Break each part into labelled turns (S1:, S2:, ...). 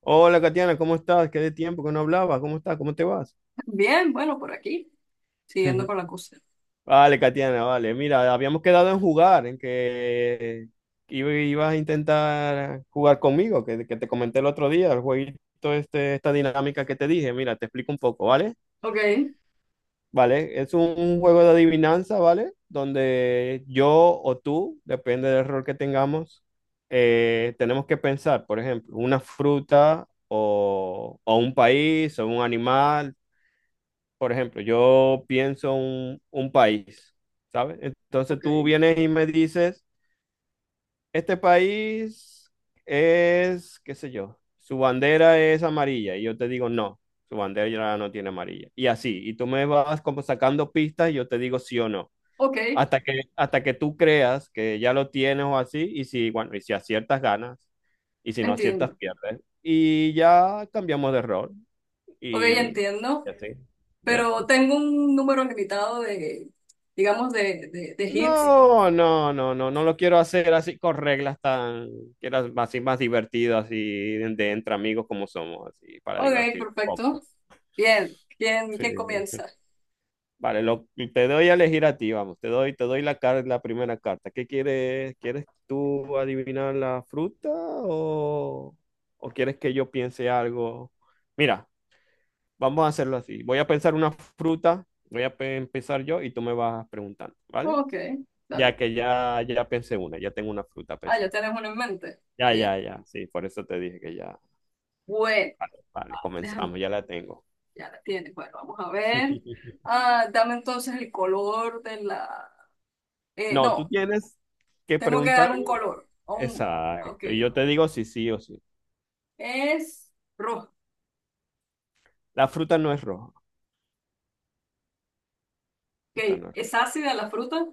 S1: Hola, Katiana, ¿cómo estás? Qué de tiempo que no hablabas. ¿Cómo estás? ¿Cómo te vas?
S2: Bien, bueno, por aquí, siguiendo con la cosa.
S1: Vale, Katiana, vale. Mira, habíamos quedado en jugar, en que ibas a intentar jugar conmigo, que te comenté el otro día, el jueguito, este, esta dinámica que te dije. Mira, te explico un poco, ¿vale?
S2: Ok,
S1: Vale, es un juego de adivinanza, ¿vale? Donde yo o tú, depende del rol que tengamos, tenemos que pensar, por ejemplo, una fruta o un país o un animal, por ejemplo, yo pienso un país, ¿sabes? Entonces
S2: ok,
S1: tú vienes y me dices, este país es, qué sé yo, su bandera es amarilla. Y yo te digo, no, su bandera ya no tiene amarilla. Y así, y tú me vas como sacando pistas y yo te digo sí o no.
S2: ok,
S1: Hasta que tú creas que ya lo tienes o así, y si, bueno, y si aciertas ganas, y si no aciertas
S2: entiendo.
S1: pierdes. Y ya cambiamos de rol,
S2: Ok,
S1: y, y
S2: entiendo,
S1: así, ¿ves?
S2: pero tengo un número limitado de, digamos, de hits.
S1: No, no, no, no, no lo quiero hacer así con reglas tan, quiero así más divertido, así de entre amigos como somos, así para
S2: Ok,
S1: divertir un
S2: perfecto.
S1: poco.
S2: Bien, ¿quién,
S1: Sí,
S2: quién
S1: sí,
S2: comienza?
S1: sí. Vale, lo, te doy a elegir a ti, vamos, te doy la la primera carta. ¿Qué quieres? ¿Quieres tú adivinar la fruta, o quieres que yo piense algo? Mira, vamos a hacerlo así. Voy a pensar una fruta, voy a empezar yo y tú me vas preguntando, ¿vale?
S2: Ok, dale.
S1: Ya que ya pensé una, ya tengo una fruta
S2: Ah, ya
S1: pensada.
S2: tienes uno en mente.
S1: Ya,
S2: Bien.
S1: ya, ya, sí, por eso te dije que ya.
S2: Bueno,
S1: Vale, vale,
S2: déjame,
S1: comenzamos, ya la tengo.
S2: ya la tienes. Bueno, vamos a ver. Ah, dame entonces el color de la...
S1: No, tú
S2: no,
S1: tienes que
S2: tengo que
S1: preguntar.
S2: dar un color. Un... Ok,
S1: Exacto, y yo te digo si sí o sí.
S2: es rojo.
S1: La fruta no es roja. Fruta
S2: Ok,
S1: no es roja.
S2: ¿es ácida la fruta?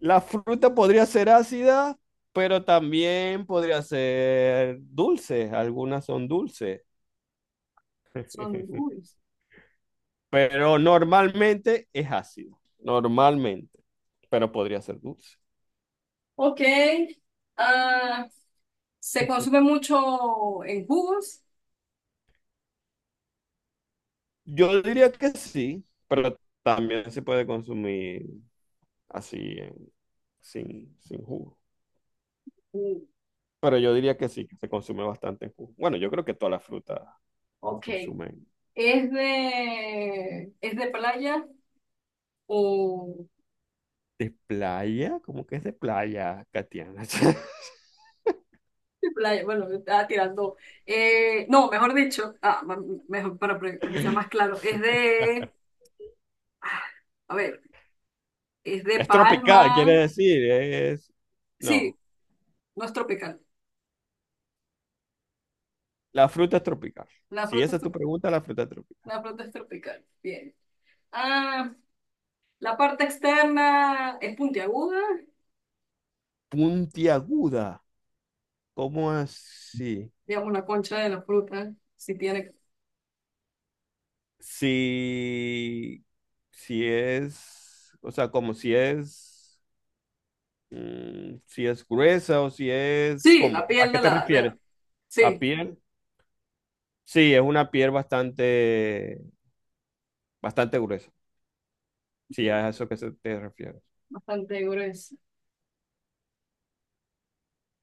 S1: La fruta podría ser ácida, pero también podría ser dulce. Algunas son dulces,
S2: Son jugos.
S1: pero normalmente es ácido. Normalmente, pero podría ser dulce.
S2: Ok. ah, ¿se consume mucho en jugos?
S1: Yo diría que sí, pero también se puede consumir así, sin jugo.
S2: Mm,
S1: Pero yo diría que sí, que se consume bastante en jugo. Bueno, yo creo que todas las frutas se
S2: Ok.
S1: consumen.
S2: Es de playa o
S1: ¿De playa? ¿Cómo que es de playa, Katiana?
S2: de playa? Bueno, estaba tirando. No, mejor dicho, mejor para que sea más claro, es de, ah, a ver, es de
S1: Es tropical, quiere
S2: palma.
S1: decir, es...
S2: Sí,
S1: No,
S2: no es tropical.
S1: la fruta es tropical.
S2: La
S1: Si
S2: fruta
S1: esa
S2: es
S1: es tu
S2: tropical.
S1: pregunta, la fruta es tropical.
S2: La fruta es tropical. Bien. Ah, La parte externa es puntiaguda,
S1: Puntiaguda, ¿cómo así?
S2: digamos la concha de la fruta, si tiene...
S1: Si, si es, o sea, como si es, si es gruesa o si es,
S2: Sí, la
S1: ¿cómo? ¿A
S2: piel
S1: qué
S2: de
S1: te
S2: la...
S1: refieres? ¿La
S2: sí,
S1: piel? Sí, es una piel bastante, bastante gruesa. Sí, es a eso que se te refieres.
S2: bastante gruesa.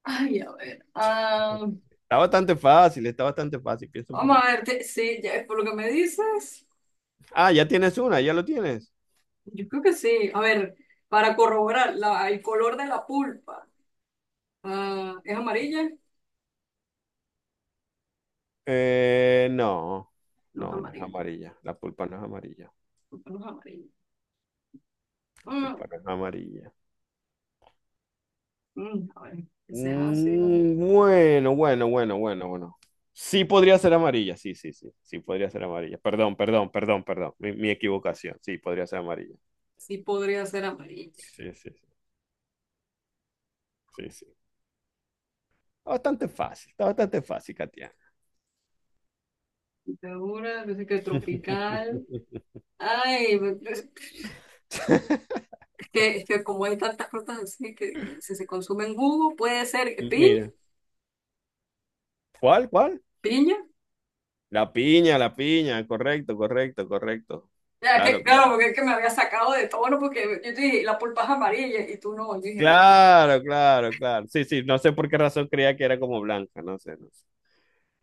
S2: Ay, a ver.
S1: Está bastante fácil, piensa un
S2: Vamos a
S1: poquito.
S2: ver, sí, ya, por lo que me dices,
S1: Ah, ya tienes una, ya lo tienes.
S2: yo creo que sí. A ver, para corroborar, la, el color de la pulpa, ¿es amarilla?
S1: No,
S2: No es
S1: no es
S2: amarilla,
S1: amarilla. La pulpa no es amarilla.
S2: pulpa no es amarilla.
S1: La
S2: Mm,
S1: pulpa no es amarilla.
S2: a ver, que sea ácida,
S1: Mm, bueno, bueno, bueno, bueno, bueno. Sí podría ser amarilla, sí, sí, sí, sí podría ser amarilla. Perdón, perdón, perdón, perdón. Mi equivocación, sí, podría ser amarilla.
S2: sí podría ser amarilla.
S1: Sí, sí, sí, sí, sí. Está bastante fácil, está bastante fácil, Katia.
S2: Segura, yo sé que tropical. Ay, pues, que como hay tantas frutas así que si se consume en jugo, puede ser que piña,
S1: Mira, ¿cuál, cuál?
S2: piña.
S1: La piña, correcto, correcto, correcto.
S2: Ya,
S1: Claro,
S2: que, claro,
S1: claro.
S2: porque es que me había sacado de tono, porque yo te dije, la pulpa es amarilla y tú no. Yo dije, uy, ya.
S1: Claro, claro, claro. Sí, sí, no sé por qué razón creía que era como blanca, no sé, no sé.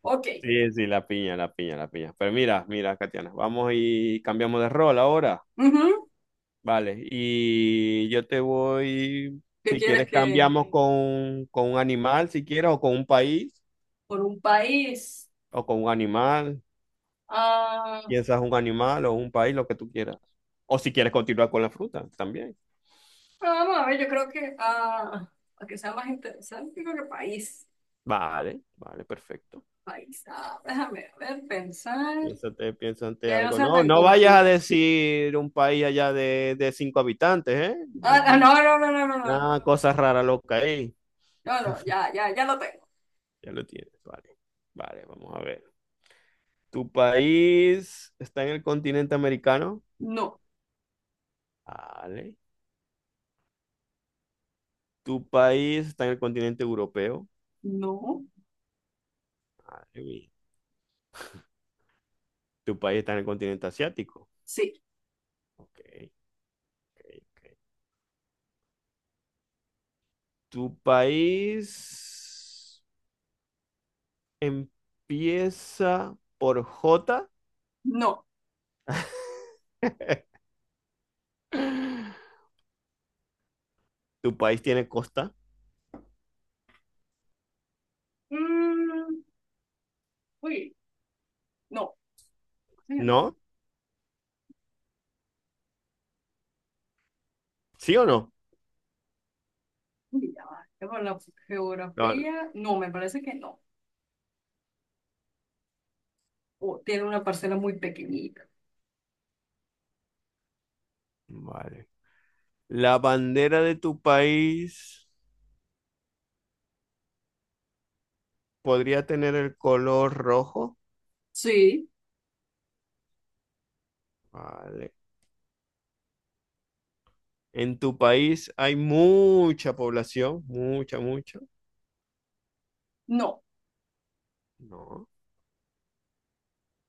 S2: Ok.
S1: Sí, sí, la piña, la piña, la piña. Pero mira, mira, Katiana, vamos y cambiamos de rol ahora.
S2: Ujú.
S1: Vale, y yo te voy,
S2: ¿Qué
S1: si
S2: quieres
S1: quieres,
S2: que
S1: cambiamos con un animal, si quieres, o con un país,
S2: por un país?
S1: o con un animal.
S2: Ah, ah,
S1: Piensas un animal o un país, lo que tú quieras. O si quieres continuar con la fruta, también.
S2: vamos a ver, yo creo que para que sea más interesante, yo creo que país.
S1: Vale, vale, perfecto.
S2: País. Ah, déjame a ver, pensar.
S1: Piénsate, piénsate
S2: Que no
S1: algo.
S2: sea
S1: No,
S2: tan
S1: no vayas a
S2: complicado.
S1: decir un país allá de cinco habitantes,
S2: Ah, ah,
S1: ¿eh?
S2: no, no, no, no, no, no.
S1: Nada, cosas raras locas ahí.
S2: No, no, ya, ya, ya lo tengo.
S1: Ya lo tienes, vale. Vale, vamos a ver. ¿Tu país está en el continente americano?
S2: No,
S1: Vale. ¿Tu país está en el continente europeo?
S2: no.
S1: Vale, bien. ¿Tu país está en el continente asiático?
S2: Sí.
S1: Ok, ok, ok. ¿Tu país empieza por J?
S2: No.
S1: ¿Tu país tiene costa?
S2: Mm, uy, no. Eh,
S1: ¿No? ¿Sí o no?
S2: uy, ya va. Ya por la
S1: No.
S2: geografía, no, me parece que no. O tiene una parcela muy pequeñita.
S1: Vale. ¿La bandera de tu país podría tener el color rojo?
S2: Sí,
S1: Vale. En tu país hay mucha población, mucha, mucha.
S2: no.
S1: No,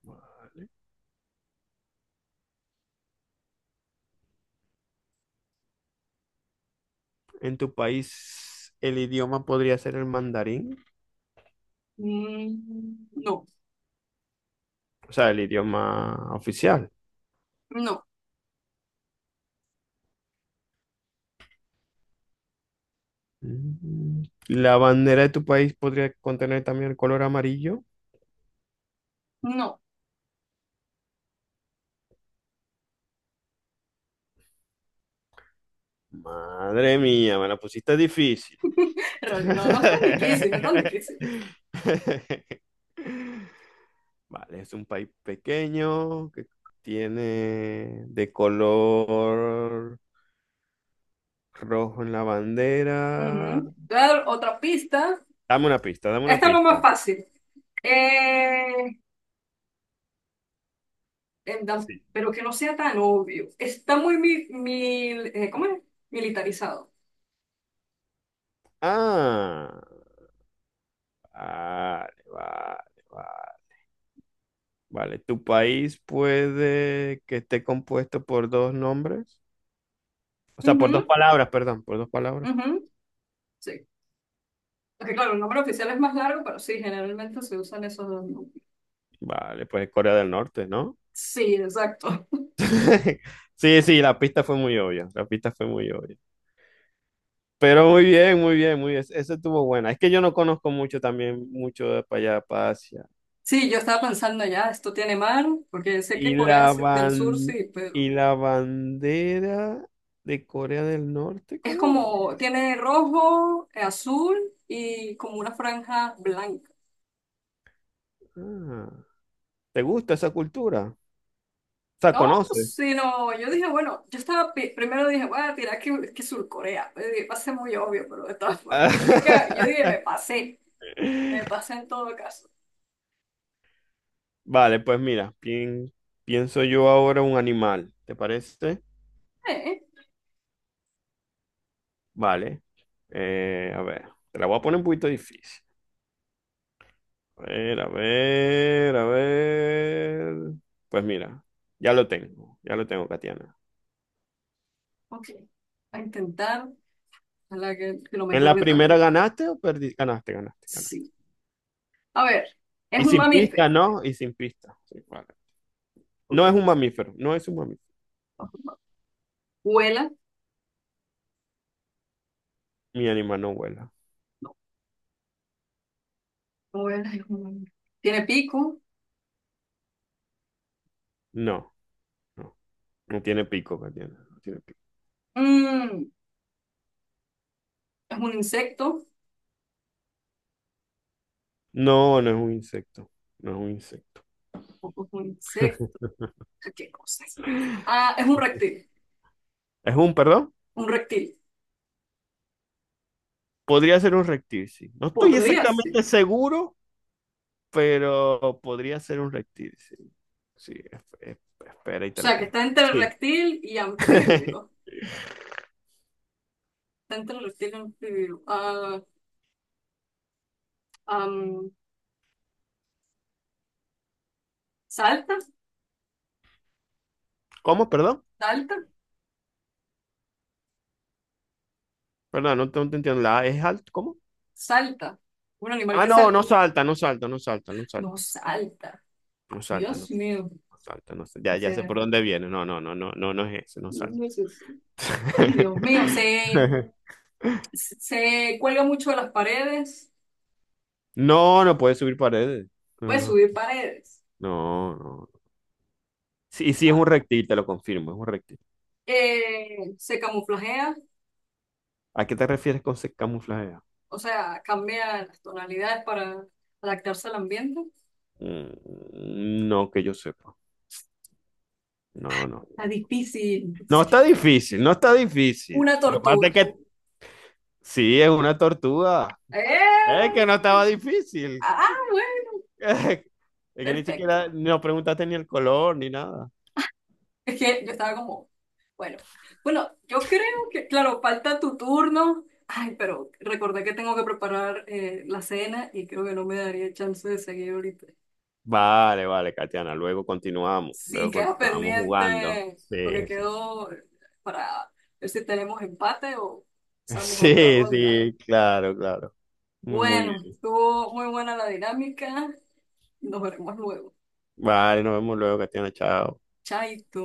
S1: vale. En tu país el idioma podría ser el mandarín,
S2: Mm, no,
S1: o sea, el idioma oficial.
S2: no,
S1: Mm. La bandera de tu país podría contener también el color amarillo.
S2: no.
S1: Madre mía, me la pusiste difícil.
S2: En realidad, no, no es tan difícil, no es tan difícil.
S1: Vale, es un país pequeño que tiene de color rojo en la bandera.
S2: Ujú. Te voy a dar otra pista.
S1: Dame una pista, dame una
S2: Esta es lo más
S1: pista.
S2: fácil. Eh, en
S1: Sí.
S2: pero que no sea tan obvio. Está ¿cómo es? Militarizado.
S1: Ah, vale, vale, vale. Vale, ¿tu país puede que esté compuesto por dos nombres? O sea, por
S2: Ujú,
S1: dos palabras, perdón, por dos palabras.
S2: ujú. Sí. Porque claro, el nombre oficial es más largo, pero sí, generalmente se usan esos dos nombres.
S1: Vale, pues Corea del Norte, ¿no?
S2: Sí, exacto.
S1: Sí, sí, la pista fue muy obvia, la pista fue muy obvia. Pero muy bien, muy bien, muy bien. Esa estuvo buena. Es que yo no conozco mucho también, mucho de para allá, para Asia.
S2: Sí, yo estaba pensando ya, esto tiene mar, porque sé
S1: Y
S2: que Corea
S1: la
S2: del Sur sí,
S1: y
S2: pero
S1: la bandera de Corea del Norte,
S2: es
S1: ¿cómo es?
S2: como, tiene rojo, azul y como una franja blanca.
S1: Ah, ¿te gusta esa cultura? O sea,
S2: No,
S1: ¿conoces?
S2: sino, yo dije, bueno, yo estaba, primero dije, voy a tirar que Sur Corea. Pues dije, va a ser muy obvio, pero de todas formas, yo dije, me pasé en todo caso.
S1: Vale, pues mira, pienso yo ahora un animal, ¿te parece?
S2: Eh, eh,
S1: Vale. A ver, te la voy a poner un poquito difícil. A ver, a ver, a ver. Pues mira, ya lo tengo, Katiana.
S2: ok, a intentar, a la que lo me
S1: ¿En la
S2: tarde
S1: primera
S2: tanto.
S1: ganaste o perdiste? Ganaste, ganaste, ganaste.
S2: Sí. A ver, es
S1: Y
S2: un
S1: sin pista,
S2: mamífero.
S1: ¿no? Y sin pista. Sí, vale.
S2: Ok.
S1: No es un mamífero, no es un mamífero.
S2: Ajá. Vuela.
S1: Mi animal no vuela.
S2: No. No vuela, es un mamífero. Tiene pico.
S1: No, no. No tiene pico, Katiana. No tiene pico.
S2: Mm, es un insecto.
S1: No, no es un insecto. No es un insecto.
S2: Ojo, es un insecto. ¿Qué cosas? Ah, es un reptil.
S1: ¿Es un, perdón?
S2: Un reptil.
S1: Podría ser un reptil, sí. No estoy
S2: Podría ser.
S1: exactamente seguro, pero podría ser un reptil, sí. Sí, espera y
S2: O
S1: te lo
S2: sea, que
S1: pongo.
S2: está entre
S1: Sí.
S2: reptil y anfibio. Está entre reptil y anfibio. Am, ¿Salta?
S1: ¿Cómo? Perdón.
S2: ¿Salta?
S1: Perdón, no te entiendo. ¿La A es alto? ¿Cómo?
S2: ¿Salta? Un animal
S1: Ah,
S2: que
S1: no,
S2: salta.
S1: no salta, no salta, no salta, no
S2: No
S1: salta,
S2: salta.
S1: no salta, no,
S2: Dios mío.
S1: no salta, no salta.
S2: ¿Qué
S1: Ya, ya sé
S2: será?
S1: por dónde viene. No, no, no, no, no, no es ese, no
S2: No,
S1: salta.
S2: no es eso. Ay, Dios mío, sé. Se cuelga mucho de las paredes,
S1: No, no puede subir paredes. No,
S2: puede
S1: no,
S2: subir paredes.
S1: no, no. Sí, sí, es
S2: Ah.
S1: un reptil, te lo confirmo, es un reptil.
S2: Se camuflajea,
S1: ¿A qué te refieres con se camuflajea?
S2: o sea, cambia las tonalidades para adaptarse al ambiente.
S1: Mm, no que yo sepa. No, no.
S2: Es difícil.
S1: No está difícil, no está difícil.
S2: Una
S1: Lo que pasa
S2: tortuga.
S1: es que sí, es una tortuga. Es
S2: ¡Eh!
S1: que no estaba difícil.
S2: Ah, bueno,
S1: Es que ni siquiera
S2: perfecto.
S1: nos preguntaste ni el color ni nada.
S2: Es que yo estaba como, bueno, bueno, yo creo que, claro, falta tu turno. Ay, pero recordé que tengo que preparar la cena y creo que no me daría chance de seguir ahorita.
S1: Vale, vale, Katiana. Luego continuamos.
S2: Sí,
S1: Luego
S2: queda
S1: continuamos jugando.
S2: pendiente, porque
S1: Sí, sí.
S2: quedó para ver si tenemos empate o pasamos a otra
S1: Sí,
S2: ronda.
S1: sí, claro, claro. Muy, muy
S2: Bueno,
S1: bien.
S2: estuvo muy buena la dinámica. Nos veremos luego.
S1: Vale, nos vemos luego, Katiana. Chao.
S2: Chaito.